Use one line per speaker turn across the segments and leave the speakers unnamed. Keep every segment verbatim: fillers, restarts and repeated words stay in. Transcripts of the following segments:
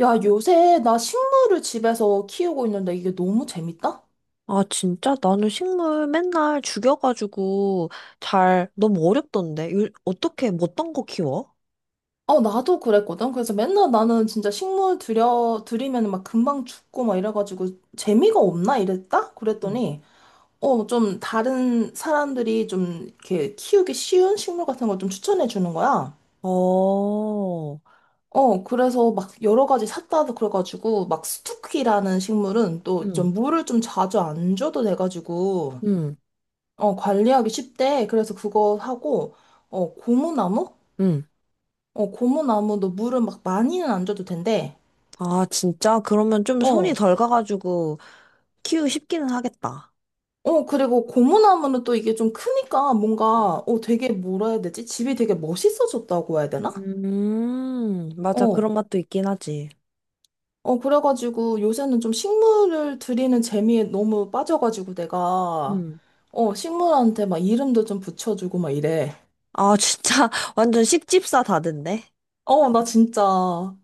야, 요새 나 식물을 집에서 키우고 있는데 이게 너무 재밌다?
아, 진짜? 나는 식물 맨날 죽여가지고 잘, 너무 어렵던데. 요- 어떻게, 뭐 어떤 거 키워?
어, 나도 그랬거든. 그래서 맨날 나는 진짜 식물 들여, 들이면 막 금방 죽고 막 이래가지고 재미가 없나 이랬다?
응.
그랬더니, 어, 좀 다른 사람들이 좀 이렇게 키우기 쉬운 식물 같은 걸 좀 추천해 주는 거야.
어,
어, 그래서 막 여러 가지 샀다도 그래가지고 막 스투키라는 식물은 또 좀
응,
물을 좀 자주 안 줘도 돼가지고,
응,
어, 관리하기 쉽대. 그래서 그거 하고, 어, 고무나무?
응.
어, 고무나무도 물을 막 많이는 안 줘도 된대.
아, 진짜? 그러면 좀 손이
어,
덜 가가지고 키우기 쉽기는 하겠다.
어, 그리고 고무나무는 또 이게 좀 크니까
응.
뭔가, 어, 되게 뭐라 해야 되지? 집이 되게 멋있어졌다고 해야 되나?
음, 맞아.
어,
그런 맛도 있긴 하지.
어, 그래가지고 요새는 좀 식물을 들이는 재미에 너무 빠져가지고 내가,
음.
어, 식물한테 막 이름도 좀 붙여주고 막 이래.
아, 진짜. 완전 식집사 다된데?
어, 나 진짜.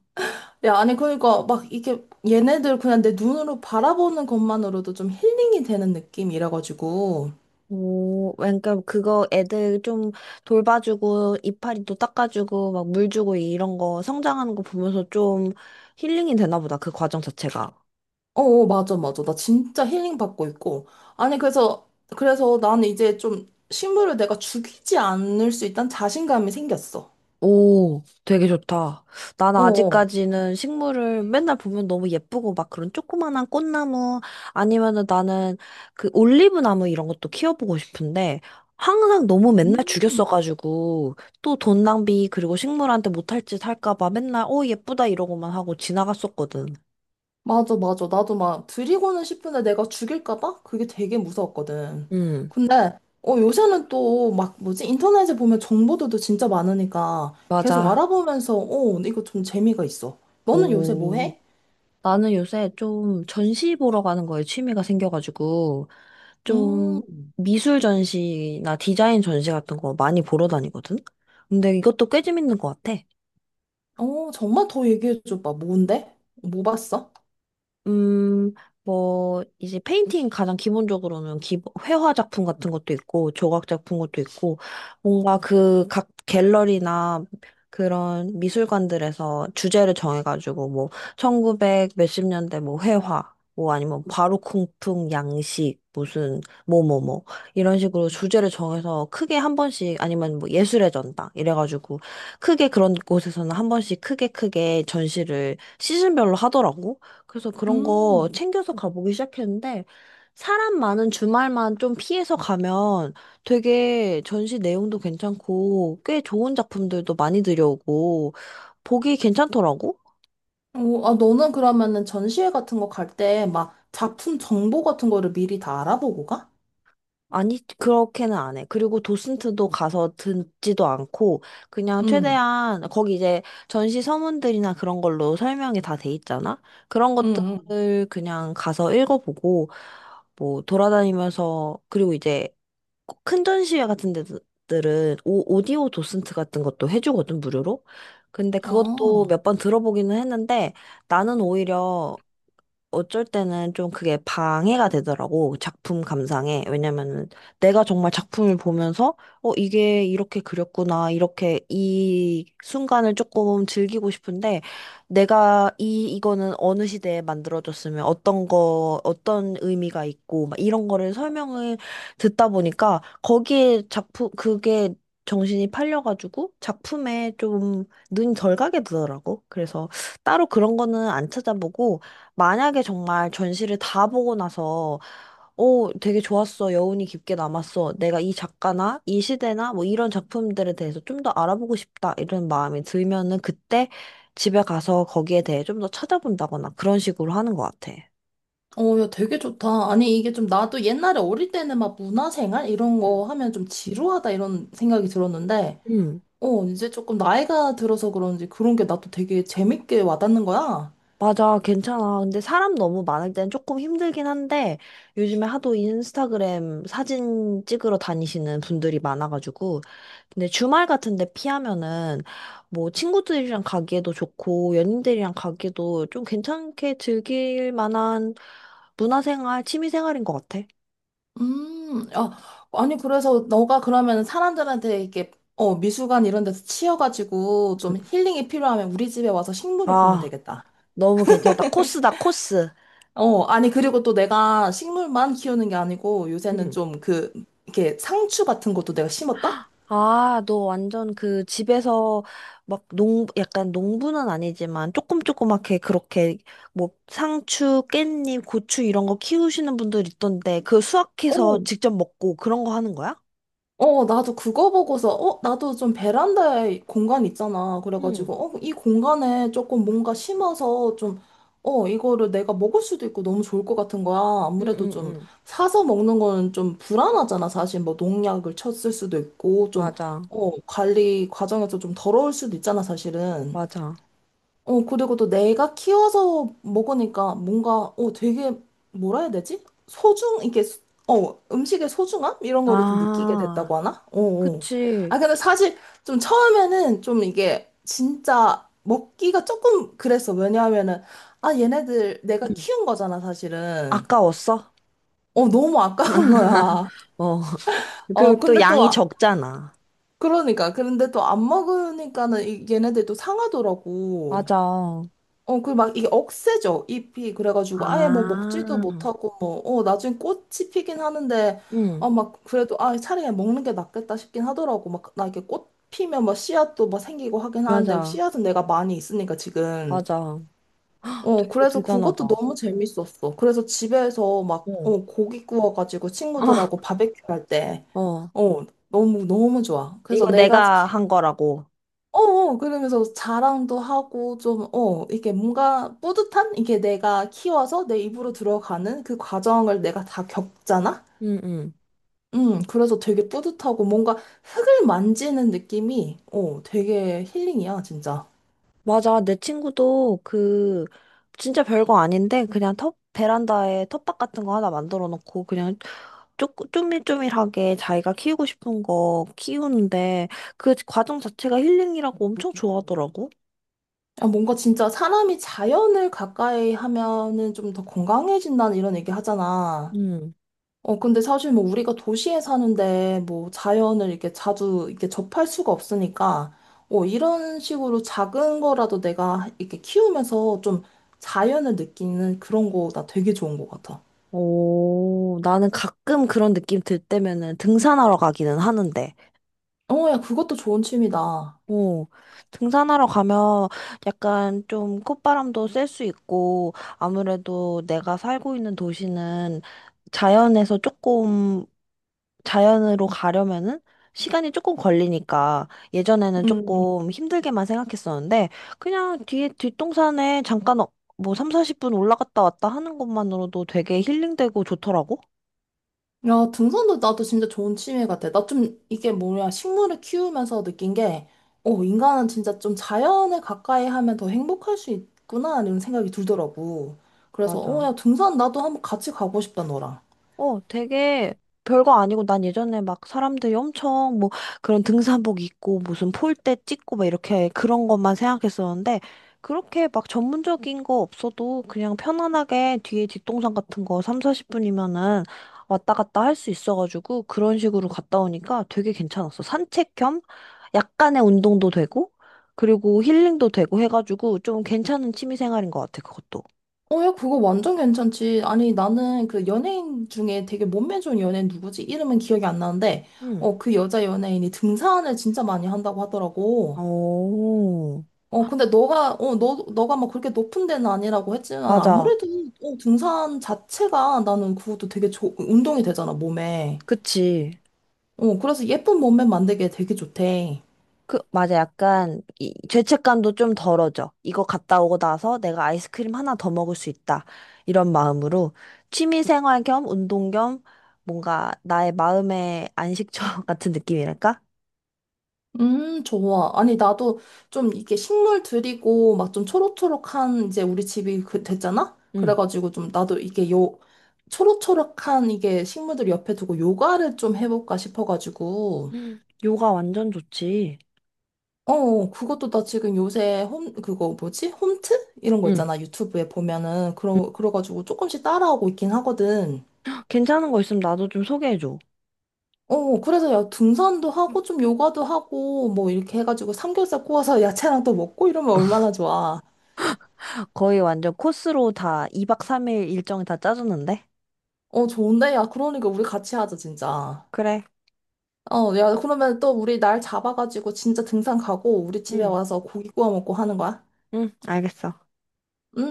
야, 아니, 그러니까 막 이게 얘네들 그냥 내 눈으로 바라보는 것만으로도 좀 힐링이 되는 느낌이라가지고.
오, 그러니까 그거 애들 좀 돌봐주고 이파리도 닦아주고 막 물 주고 이런 거 성장하는 거 보면서 좀 힐링이 되나 보다. 그 과정 자체가.
어, 어, 맞아, 맞아. 나 진짜 힐링 받고 있고. 아니, 그래서, 그래서 나는 이제 좀 식물을 내가 죽이지 않을 수 있다는 자신감이 생겼어.
오, 되게 좋다. 난
어, 어.
아직까지는 식물을 맨날 보면 너무 예쁘고 막 그런 조그만한 꽃나무 아니면은 나는 그 올리브 나무 이런 것도 키워보고 싶은데 항상 너무 맨날 죽였어가지고 또 돈 낭비 그리고 식물한테 못할 짓 할까 봐 맨날 어 예쁘다 이러고만 하고 지나갔었거든.
맞아, 맞아. 나도 막 드리고는 싶은데 내가 죽일까봐? 그게 되게 무서웠거든.
음,
근데, 어, 요새는 또 막 뭐지? 인터넷에 보면 정보들도 진짜 많으니까 계속
맞아.
알아보면서, 어, 이거 좀 재미가 있어. 너는 요새 뭐
오,
해?
나는 요새 좀 전시 보러 가는 거에 취미가 생겨가지고, 좀
음,
미술 전시나 디자인 전시 같은 거 많이 보러 다니거든? 근데 이것도 꽤 재밌는 것 같아.
어, 정말 더 얘기해줘봐. 뭔데? 뭐 봤어?
음, 뭐, 이제 페인팅 가장 기본적으로는 기, 회화 작품 같은 것도 있고, 조각 작품 것도 있고, 뭔가 그 각 갤러리나 그런 미술관들에서 주제를 정해가지고, 뭐, 1900 몇십 년대 뭐 회화, 뭐 아니면 바로콩풍 양식, 무슨, 뭐뭐뭐, 이런 식으로 주제를 정해서 크게 한 번씩, 아니면 뭐 예술의 전당, 이래가지고, 크게 그런 곳에서는 한 번씩 크게 크게 전시를 시즌별로 하더라고. 그래서 그런 거
음.
챙겨서 가보기 시작했는데, 사람 많은 주말만 좀 피해서 가면 되게 전시 내용도 괜찮고, 꽤 좋은 작품들도 많이 들여오고, 보기 괜찮더라고?
오, 아, 너는 그러면은 전시회 같은 거 갈 때 막 작품 정보 같은 거를 미리 다 알아보고 가?
아니, 그렇게는 안 해. 그리고 도슨트도 가서 듣지도 않고, 그냥
응,
최대한, 거기 이제 전시 서문들이나 그런 걸로 설명이 다 돼 있잖아? 그런
응, 응.
것들을 그냥 가서 읽어보고, 뭐, 돌아다니면서, 그리고 이제 꼭큰 전시회 같은 데들은 오, 오디오 도슨트 같은 것도 해주거든, 무료로. 근데 그것도
아,
몇 번 들어보기는 했는데 나는 오히려 어쩔 때는 좀 그게 방해가 되더라고, 작품 감상에. 왜냐면은 내가 정말 작품을 보면서, 어, 이게 이렇게 그렸구나, 이렇게 이 순간을 조금 즐기고 싶은데, 내가 이, 이거는 어느 시대에 만들어졌으면 어떤 거, 어떤 의미가 있고, 막 이런 거를 설명을 듣다 보니까, 거기에 작품, 그게 정신이 팔려가지고, 작품에 좀 눈이 덜 가게 되더라고. 그래서 따로 그런 거는 안 찾아보고, 만약에 정말 전시를 다 보고 나서, 오, 되게 좋았어. 여운이 깊게 남았어. 내가 이 작가나 이 시대나 뭐 이런 작품들에 대해서 좀 더 알아보고 싶다. 이런 마음이 들면은 그때 집에 가서 거기에 대해 좀 더 찾아본다거나 그런 식으로 하는 것 같아.
어, 야, 되게 좋다. 아니, 이게 좀 나도 옛날에 어릴 때는 막 문화생활 이런 거
음.
하면 좀 지루하다 이런 생각이 들었는데,
음.
어, 이제 조금 나이가 들어서 그런지 그런 게 나도 되게 재밌게 와닿는 거야.
맞아, 괜찮아. 근데 사람 너무 많을 땐 조금 힘들긴 한데, 요즘에 하도 인스타그램 사진 찍으러 다니시는 분들이 많아가지고, 근데 주말 같은데 피하면은, 뭐, 친구들이랑 가기에도 좋고, 연인들이랑 가기에도 좀 괜찮게 즐길 만한 문화생활, 취미생활인 것 같아.
음, 야, 아니, 그래서 너가 그러면 사람들한테 이렇게 어, 미술관 이런 데서 치여가지고 좀
음.
힐링이 필요하면 우리 집에 와서 식물을 보면
아,
되겠다.
너무 괜찮다. 코스다, 코스.
어, 아니, 그리고 또 내가 식물만 키우는 게 아니고 요새는 좀 그, 이렇게 상추 같은 것도 내가 심었다?
아, 너 완전 그 집에서 막 농, 약간 농부는 아니지만 조금 조그맣게 그렇게 뭐 상추, 깻잎, 고추 이런 거 키우시는 분들 있던데 그 수확해서
어,
직접 먹고 그런 거 하는 거야?
어, 나도 그거 보고서, 어, 나도 좀 베란다에 공간 있잖아.
응,
그래가지고, 어, 이 공간에 조금 뭔가 심어서 좀, 어, 이거를 내가 먹을 수도 있고 너무 좋을 것 같은 거야.
응,
아무래도
응,
좀
응.
사서 먹는 거는 좀 불안하잖아. 사실 뭐 농약을 쳤을 수도 있고, 좀,
맞아,
어, 관리 과정에서 좀 더러울 수도 있잖아, 사실은.
맞아.
어, 그리고 또 내가 키워서 먹으니까 뭔가, 어, 되게, 뭐라 해야 되지? 소중, 이게, 수- 어, 음식의 소중함? 이런 거를 좀 느끼게
아,
됐다고 하나? 어, 어.
그치.
아, 근데 사실 좀 처음에는 좀 이게 진짜 먹기가 조금 그랬어. 왜냐하면은, 아, 얘네들 내가
응.
키운 거잖아, 사실은.
아까웠어?
어, 너무 아까운 거야.
어.
어,
그리고 또
근데 또,
양이
아-
적잖아.
그러니까. 그런데 또 안 먹으니까는 이- 얘네들도 상하더라고.
맞아.
어, 그 막 이게 억세죠, 잎이. 그래가지고 아예 뭐 먹지도
아,
못하고 뭐, 어, 나중에 꽃이 피긴 하는데,
응,
어, 막 그래도 아, 차라리 그냥 먹는 게 낫겠다 싶긴 하더라고. 막 나 이게 꽃 피면 막 씨앗도 막 생기고 하긴 하는데,
맞아,
씨앗은 내가 많이 있으니까 지금.
맞아.
어,
되게
그래서 그것도
대단하다.
너무 재밌었어. 그래서 집에서 막,
어,
어, 고기 구워가지고
아
친구들하고 바베큐 할 때,
어.
어, 너무, 너무 좋아. 그래서
이거
내가
내가 한 거라고.
어, 어, 그러면서 자랑도 하고 좀, 어, 이게 뭔가 뿌듯한? 이게 내가 키워서 내 입으로 들어가는 그 과정을 내가 다 겪잖아?
응, 응.
음, 그래서 되게 뿌듯하고 뭔가 흙을 만지는 느낌이, 어, 되게 힐링이야, 진짜.
맞아. 내 친구도 그, 진짜 별거 아닌데, 그냥 텃, 베란다에 텃밭 같은 거 하나 만들어 놓고, 그냥 쪼, 쪼밀쪼밀하게 자기가 키우고 싶은 거 키우는데, 그 과정 자체가 힐링이라고 엄청 좋아하더라고.
아, 뭔가 진짜 사람이 자연을 가까이 하면은 좀 더 건강해진다는 이런 얘기 하잖아.
응.
어, 근데 사실 뭐 우리가 도시에 사는데 뭐 자연을 이렇게 자주 이렇게 접할 수가 없으니까, 어, 이런 식으로 작은 거라도 내가 이렇게 키우면서 좀 자연을 느끼는 그런 거 나 되게 좋은 것 같아.
오, 나는 가끔 그런 느낌 들 때면은 등산하러 가기는 하는데.
어, 야, 그것도 좋은 취미다.
오, 등산하러 가면 약간 좀 콧바람도 쐴 수 있고, 아무래도 내가 살고 있는 도시는 자연에서 조금, 자연으로 가려면은 시간이 조금 걸리니까, 예전에는
음.
조금 힘들게만 생각했었는데, 그냥 뒤에 뒷동산에 잠깐 어- 뭐삼 사십 분 올라갔다 왔다 하는 것만으로도 되게 힐링되고 좋더라고.
야, 등산도 나도 진짜 좋은 취미 같아. 나 좀 이게 뭐냐, 식물을 키우면서 느낀 게, 어, 인간은 진짜 좀 자연을 가까이 하면 더 행복할 수 있구나, 이런 생각이 들더라고. 그래서, 어,
맞아.
야, 등산 나도 한번 같이 가고 싶다, 너랑.
어, 되게 별거 아니고 난 예전에 막 사람들이 엄청 뭐 그런 등산복 입고 무슨 폴대 찍고 막 이렇게 그런 것만 생각했었는데 그렇게 막 전문적인 거 없어도 그냥 편안하게 뒤에 뒷동산 같은 거 삼, 사십 분이면은 왔다 갔다 할 수 있어가지고 그런 식으로 갔다 오니까 되게 괜찮았어. 산책 겸 약간의 운동도 되고 그리고 힐링도 되고 해가지고 좀 괜찮은 취미 생활인 것 같아, 그것도.
어, 야, 그거 완전 괜찮지. 아니, 나는 그 연예인 중에 되게 몸매 좋은 연예인 누구지? 이름은 기억이 안 나는데,
응.
어, 그 여자 연예인이 등산을 진짜 많이 한다고 하더라고.
오,
어, 근데 너가, 어, 너, 너가 막 그렇게 높은 데는 아니라고 했지만,
맞아.
아무래도, 어, 등산 자체가 나는 그것도 되게 좋 운동이 되잖아, 몸에.
그치.
어, 그래서 예쁜 몸매 만들기에 되게 좋대.
그, 맞아. 약간, 이, 죄책감도 좀 덜어져. 이거 갔다 오고 나서 내가 아이스크림 하나 더 먹을 수 있다. 이런 마음으로 취미 생활 겸 운동 겸 뭔가 나의 마음의 안식처 같은 느낌이랄까?
음, 좋아. 아니, 나도 좀 이게 식물 들이고 막 좀 초록초록한 이제 우리 집이 그 됐잖아?
응.
그래가지고 좀 나도 이게 요, 초록초록한 이게 식물들 옆에 두고 요가를 좀 해볼까 싶어가지고.
음, 요가 완전 좋지.
어, 어, 그것도 나 지금 요새 홈, 그거 뭐지? 홈트? 이런 거
응.
있잖아. 유튜브에 보면은.
응.
그러, 그래가지고 조금씩 따라하고 있긴 하거든.
괜찮은 거 있으면 나도 좀 소개해줘.
어, 어, 그래서 야, 등산도 하고 좀 요가도 하고 뭐 이렇게 해가지고 삼겹살 구워서 야채랑 또 먹고 이러면 얼마나 좋아.
거의 완전 코스로 다 이 박 삼 일 일정이 다 짜졌는데?
어, 좋은데? 야, 그러니까 우리 같이 하자, 진짜.
그래.
어, 야, 그러면 또 우리 날 잡아가지고 진짜 등산 가고 우리 집에
응.
와서 고기 구워 먹고 하는 거야?
응, 알겠어.
응?